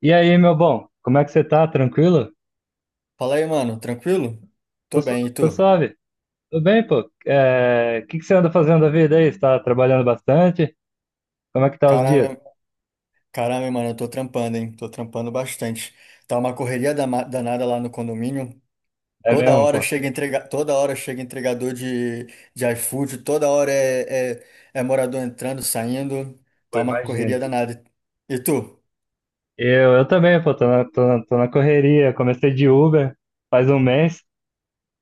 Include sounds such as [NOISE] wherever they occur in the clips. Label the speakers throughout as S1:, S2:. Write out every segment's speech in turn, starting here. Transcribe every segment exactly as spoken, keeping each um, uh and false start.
S1: E aí, meu bom, como é que você tá? Tranquilo?
S2: Fala aí, mano, tranquilo?
S1: Tô,
S2: Tô
S1: su-
S2: bem, e
S1: tô
S2: tu?
S1: suave. Tudo bem, pô? É, o que que você anda fazendo da vida aí? Você tá trabalhando bastante? Como é que tá os dias?
S2: Caramba, caramba, mano, eu tô trampando, hein? Tô trampando bastante. Tá uma correria dama- danada lá no condomínio.
S1: É
S2: Toda
S1: mesmo,
S2: hora
S1: pô?
S2: chega entrega, toda hora chega entregador de, de iFood, toda hora é, é, é morador entrando, saindo.
S1: Pô,
S2: Tá uma correria
S1: imagino.
S2: danada. E tu?
S1: Eu, eu também, pô, tô na, tô na, tô na correria. Comecei de Uber faz um mês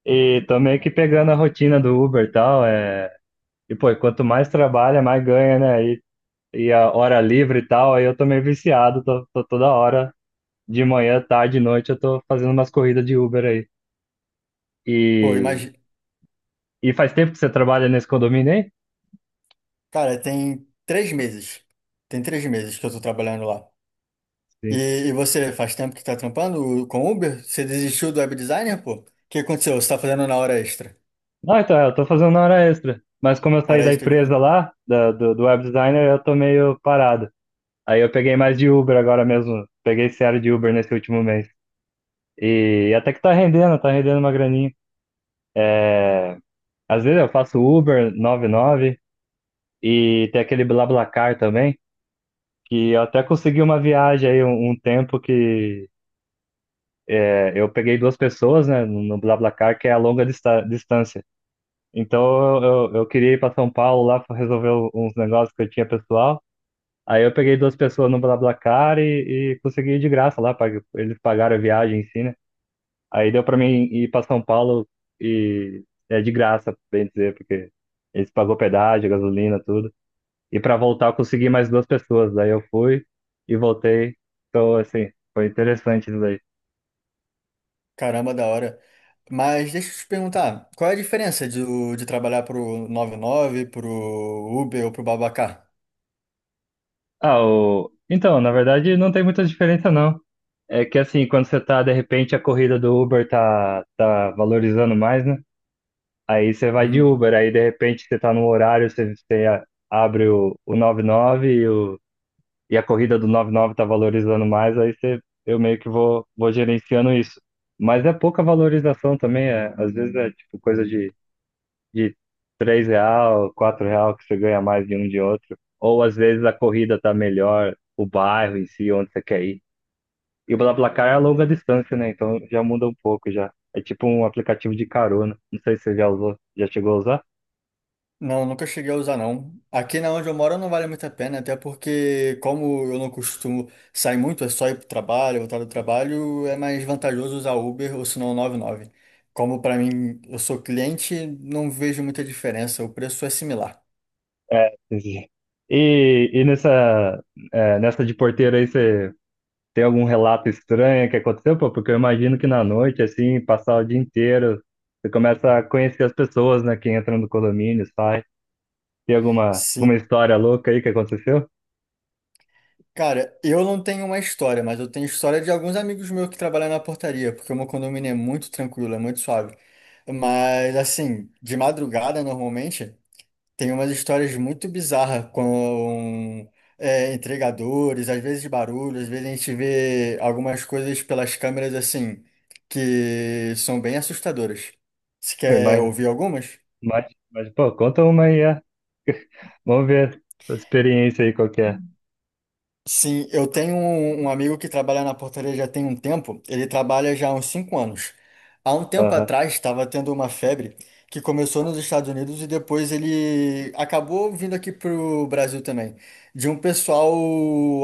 S1: e tô meio que pegando a rotina do Uber e tal. É... E, pô, quanto mais trabalha, mais ganha, né? E, e a hora livre e tal, aí eu tô meio viciado, tô, tô toda hora, de manhã, tarde, noite, eu tô fazendo umas corridas de Uber aí.
S2: Pô,
S1: E,
S2: imagina.
S1: e faz tempo que você trabalha nesse condomínio aí?
S2: Cara, tem três meses. Tem três meses que eu tô trabalhando lá.
S1: Sim.
S2: E, e você faz tempo que tá trampando com Uber? Você desistiu do web designer, pô? O que aconteceu? Você tá fazendo na hora extra?
S1: Não, então, é, eu tô fazendo hora extra. Mas como eu saí
S2: Hora
S1: da
S2: extra de
S1: empresa lá, da- do, do web designer, eu tô meio parado. Aí eu peguei mais de Uber agora mesmo. Peguei sério de Uber nesse último mês. E até que tá rendendo, tá rendendo uma graninha. É, às vezes eu faço Uber noventa e nove e tem aquele BlaBlaCar também, que eu até consegui uma viagem aí um, um tempo que é, eu peguei duas pessoas, né, no no BlaBlaCar, que é a longa dista- distância. Então eu, eu, eu queria ir para São Paulo lá para resolver uns negócios que eu tinha pessoal. Aí eu peguei duas pessoas no BlaBlaCar e, e consegui ir de graça lá, pag- eles pagaram a viagem em si, né? Aí deu para mim ir para São Paulo e é de graça, bem dizer, porque eles pagou pedágio, gasolina, tudo. E para voltar eu consegui mais duas pessoas, daí eu fui e voltei. Então, assim, foi interessante isso daí.
S2: caramba da hora. Mas deixa eu te perguntar, qual é a diferença de, de trabalhar pro noventa e nove, pro Uber ou pro Babacar?
S1: Ah, o... então, na verdade, não tem muita diferença, não. É que assim, quando você tá, de repente, a corrida do Uber tá, tá valorizando mais, né? Aí você vai de Uber, aí de repente você tá no horário, você, você a- abre o, o noventa e nove, e, nove e, o, e a corrida do noventa e nove tá valorizando mais, aí você, eu meio que vou, vou gerenciando isso. Mas é pouca valorização também, é, às vezes é tipo coisa de de três real, quatro real que você ganha mais de um de outro. Ou às vezes a corrida tá melhor, o bairro em si, onde você quer ir. E o BlaBlaCar é a longa distância, né? Então já muda um pouco já. É tipo um aplicativo de carona. Não sei se você já usou, já chegou a usar?
S2: Não, nunca cheguei a usar não. Aqui na onde eu moro não vale muito a pena, até porque como eu não costumo sair muito, é só ir pro trabalho, voltar do trabalho, é mais vantajoso usar Uber ou se não noventa e nove. Como para mim, eu sou cliente, não vejo muita diferença, o preço é similar.
S1: [LAUGHS] E, e nessa, é, nessa de porteiro aí, você tem algum relato estranho que aconteceu? Pô, porque eu imagino que na noite, assim, passar o dia inteiro, você começa a conhecer as pessoas, né? Que entram no condomínio, sai. Tem alguma, alguma
S2: Sim.
S1: história louca aí que aconteceu?
S2: Cara, eu não tenho uma história, mas eu tenho história de alguns amigos meus que trabalham na portaria, porque o meu condomínio é muito tranquilo, é muito suave. Mas assim, de madrugada normalmente tem umas histórias muito bizarras com é, entregadores, às vezes barulho, às vezes a gente vê algumas coisas pelas câmeras assim, que são bem assustadoras. Você
S1: Foi
S2: quer
S1: mais,
S2: ouvir algumas?
S1: mais, mais, Pô, conta uma aí, é. Vamos ver a experiência aí qual que é.
S2: Sim, eu tenho um, um amigo que trabalha na portaria já tem um tempo, ele trabalha já há uns cinco anos. Há um tempo
S1: Aham.
S2: atrás estava tendo uma febre que começou nos Estados Unidos e depois ele acabou vindo aqui para o Brasil também. De um pessoal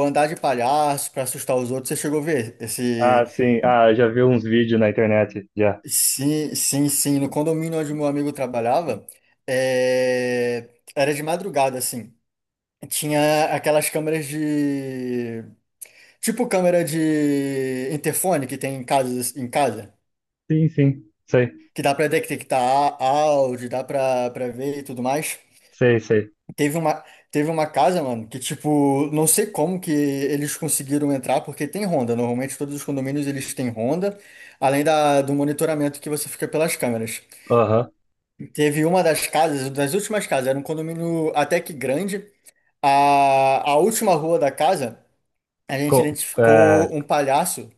S2: andar de palhaço para assustar os outros, você chegou a ver
S1: Ah,
S2: esse...
S1: sim. Ah, já vi uns vídeos na internet, já.
S2: Sim, sim, sim, no condomínio onde meu amigo trabalhava, é, era de madrugada, assim. Tinha aquelas câmeras de tipo câmera de interfone que tem em casa, em casa,
S1: Sim, sim. Sei,
S2: que dá pra detectar á- áudio, dá pra, pra ver e tudo mais.
S1: sei, sei.
S2: Teve uma, Teve uma casa, mano, que tipo, não sei como que eles conseguiram entrar, porque tem ronda. Normalmente todos os condomínios eles têm ronda, além da, do monitoramento que você fica pelas câmeras.
S1: Aham.
S2: Teve uma das casas, das últimas casas, era um condomínio até que grande. A, a última rua da casa, a gente
S1: Co- É,
S2: identificou um palhaço.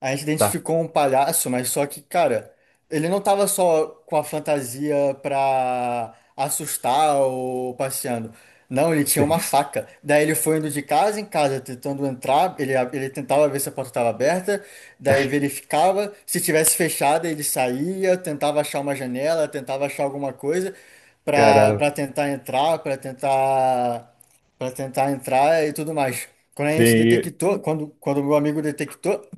S2: A gente
S1: tá.
S2: identificou um palhaço, mas só que, cara, ele não tava só com a fantasia pra assustar ou passeando. Não, ele tinha
S1: Sim.
S2: uma faca. Daí ele foi indo de casa em casa, tentando entrar. Ele, ele tentava ver se a porta estava aberta, daí verificava. Se tivesse fechada, ele saía, tentava achar uma janela, tentava achar alguma coisa pra,
S1: Caramba.
S2: pra tentar entrar, pra tentar para tentar entrar e tudo mais. Quando a
S1: Sim.
S2: gente
S1: e-
S2: detectou, quando, quando o meu amigo detectou,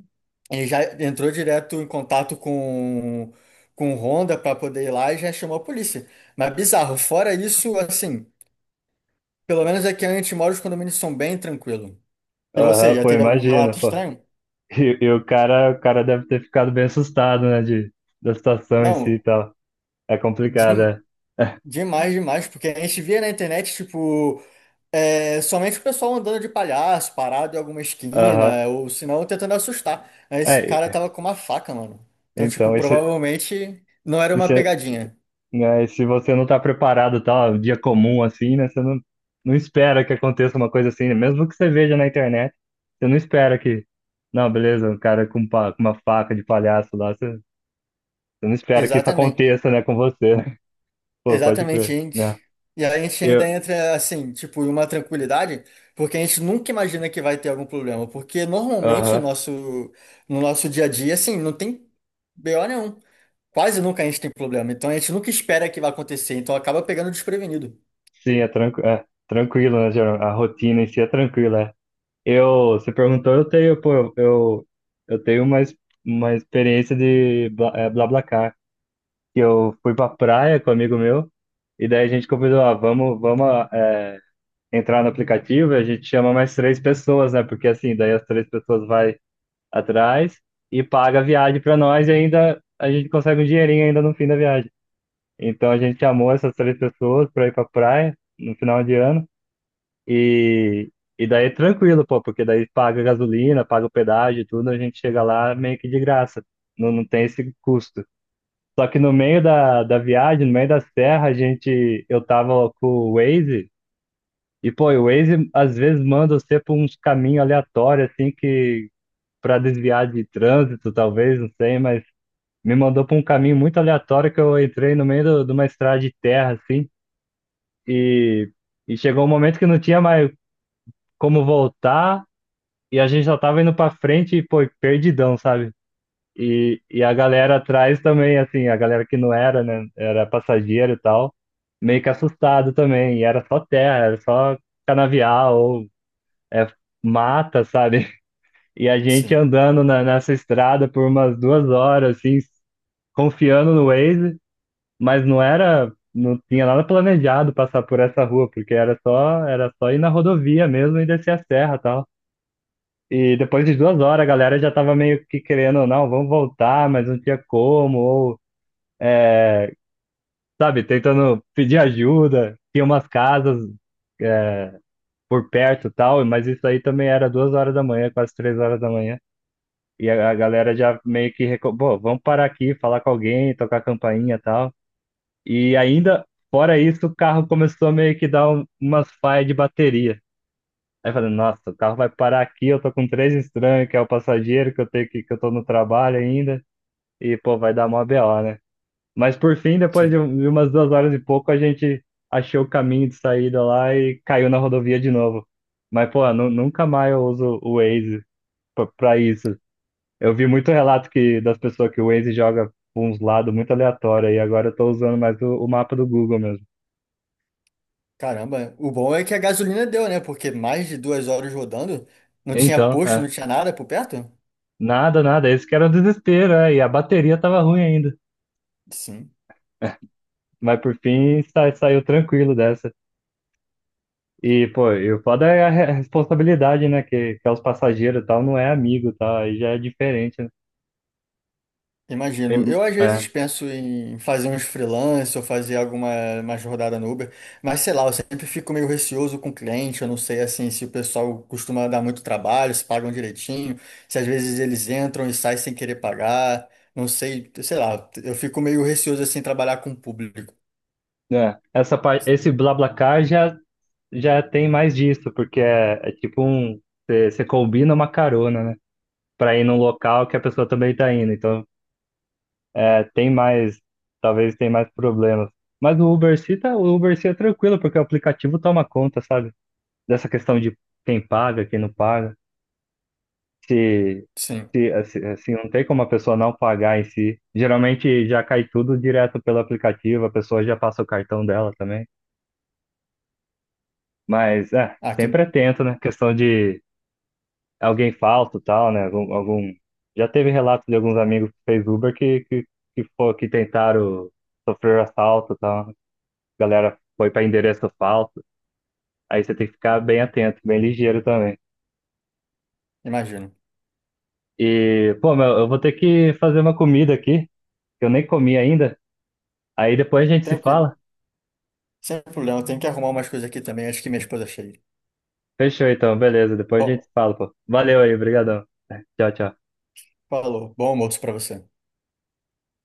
S2: ele já entrou direto em contato com, com o Honda para poder ir lá e já chamou a polícia. Mas bizarro, fora isso, assim, pelo menos aqui onde a gente mora, os condomínios são bem tranquilos. E você,
S1: Aham,
S2: já
S1: pô,
S2: teve algum
S1: imagina,
S2: relato
S1: pô.
S2: estranho?
S1: E, e o cara, o cara deve ter ficado bem assustado, né, de, da situação em si e
S2: Não,
S1: tal. É complicado,
S2: dem-
S1: é. [LAUGHS]
S2: demais, demais, porque a gente via na internet, tipo, é, somente o pessoal andando de palhaço, parado em alguma
S1: Aham.
S2: esquina, ou se não, tentando assustar. Aí esse cara
S1: É,
S2: tava com uma faca, mano. Então, tipo,
S1: então, isso,
S2: provavelmente não era uma
S1: isso,
S2: pegadinha.
S1: né? E se você não tá preparado, tá, um dia comum assim, né? Você não, não espera que aconteça uma coisa assim, né? Mesmo que você veja na internet, você não espera que, não, beleza, um cara com, pa- com uma faca de palhaço lá, você, você não espera que isso
S2: Exatamente.
S1: aconteça, né, com você, né? [LAUGHS] Pô, pode
S2: Exatamente, a
S1: crer,
S2: gente.
S1: né?
S2: E aí a gente ainda
S1: Eu,
S2: entra assim, tipo, em uma tranquilidade, porque a gente nunca imagina que vai ter algum problema, porque normalmente no
S1: aham,
S2: nosso, no nosso dia a dia, assim, não tem B O nenhum. Quase nunca a gente tem problema, então a gente nunca espera que vai acontecer, então acaba pegando desprevenido.
S1: sim, é, tranqu é tranquilo, né, geral, a rotina em si é tranquila, é. Eu, você perguntou, eu tenho, pô, eu, eu tenho uma, ex- uma experiência de Bla, é, BlaBlaCar, que eu fui pra praia com um amigo meu, e daí a gente convidou, ah, vamos, vamos é, entrar no aplicativo e a gente chama mais três pessoas, né? Porque assim, daí as três pessoas vai atrás e paga a viagem pra nós e ainda a gente consegue um dinheirinho ainda no fim da viagem. Então a gente chamou essas três pessoas pra ir pra praia no final de ano e, e daí é tranquilo, pô, porque daí paga gasolina, paga o pedágio e tudo, a gente chega lá meio que de graça. Não, não tem esse custo. Só que no meio da, da viagem, no meio da serra, a gente, eu tava com o Waze, e pô, o Waze às vezes manda você por uns caminhos aleatórios, assim, que pra desviar de trânsito, talvez, não sei, mas me mandou pra um caminho muito aleatório que eu entrei no meio do- de uma estrada de terra, assim, e, e chegou um momento que não tinha mais como voltar, e a gente só tava indo pra frente e, pô, perdidão, sabe? E, e a galera atrás também, assim, a galera que não era, né? Era passageiro e tal, meio que assustado também. E era só terra, era só canavial ou é, mata, sabe? [LAUGHS] E a gente
S2: Sim,
S1: andando na, nessa estrada por umas duas horas, assim, confiando no Waze, mas não era, não tinha nada planejado passar por essa rua, porque era só, era só ir na rodovia mesmo e descer a serra e tal. E depois de duas horas, a galera já tava meio que querendo, não, vamos voltar, mas não tinha como, ou sabe, tentando pedir ajuda. Tinha umas casas é, por perto e tal, mas isso aí também era duas horas da manhã, quase três horas da manhã. E a, a galera já meio que reco... Pô, vamos parar aqui, falar com alguém, tocar campainha e tal. E ainda, fora isso, o carro começou a meio que dar um, umas falhas de bateria. Aí eu falei, nossa, o carro vai parar aqui, eu tô com três estranhos, que é o passageiro, que eu tenho que, que eu tô no trabalho ainda, e pô, vai dar mó B O, né? Mas por fim, depois
S2: sim.
S1: de um- de umas duas horas e pouco, a gente achou o caminho de saída lá e caiu na rodovia de novo. Mas, pô, nu- nunca mais eu uso o Waze pra, pra isso. Eu vi muito relato que, das pessoas que o Waze joga pra uns lados muito aleatórios, e agora eu tô usando mais o, o mapa do Google mesmo.
S2: Caramba, o bom é que a gasolina deu, né? Porque mais de duas horas rodando, não tinha
S1: Então,
S2: posto,
S1: é,
S2: não tinha nada por perto?
S1: nada, nada, esse que era o desespero, é, e a bateria tava ruim ainda.
S2: Sim.
S1: Mas por fim, sa- saiu tranquilo dessa. E, pô, e o foda é a re- a responsabilidade, né? Que, que é os passageiros e tal, não é amigo, tá? Aí já é diferente, né?
S2: Imagino.
S1: Tem-
S2: Eu às
S1: É,
S2: vezes penso em fazer uns freelance ou fazer alguma uma rodada no Uber, mas sei lá, eu sempre fico meio receoso com o cliente, eu não sei assim se o pessoal costuma dar muito trabalho, se pagam direitinho, se às vezes eles entram e saem sem querer pagar, não sei, sei lá, eu fico meio receoso assim em trabalhar com o público.
S1: é. Essa, par- esse BlaBlaCar já, já tem mais disso, porque é, é tipo um. Você combina uma carona, né? Pra ir num local que a pessoa também tá indo. Então, é, tem mais. Talvez tem mais problemas. Mas o Uber se tá, o Uber se é tranquilo, porque o aplicativo toma conta, sabe? Dessa questão de quem paga, quem não paga. se,
S2: Sim.
S1: se, assim, assim, não tem como a pessoa não pagar em si. Geralmente já cai tudo direto pelo aplicativo, a pessoa já passa o cartão dela também. Mas é,
S2: Ah, que
S1: sempre atento, né? Questão de alguém falso e tal, né? Algum, algum... Já teve relato de alguns amigos que fez Uber que, que, que, fo- que tentaram sofrer assalto e tal, né? Galera foi para endereço falso. Aí você tem que ficar bem atento, bem ligeiro também.
S2: imagino.
S1: E, pô, meu, eu vou ter que fazer uma comida aqui, que eu nem comi ainda. Aí depois a gente se
S2: Tranquilo.
S1: fala.
S2: Sem problema, eu tenho que arrumar umas coisas aqui também, acho que minha esposa chega.
S1: Fechou então, beleza. Depois a
S2: Bom,
S1: gente fala, pô. Valeu aí, brigadão. Tchau, tchau.
S2: falou. Bom almoço pra você.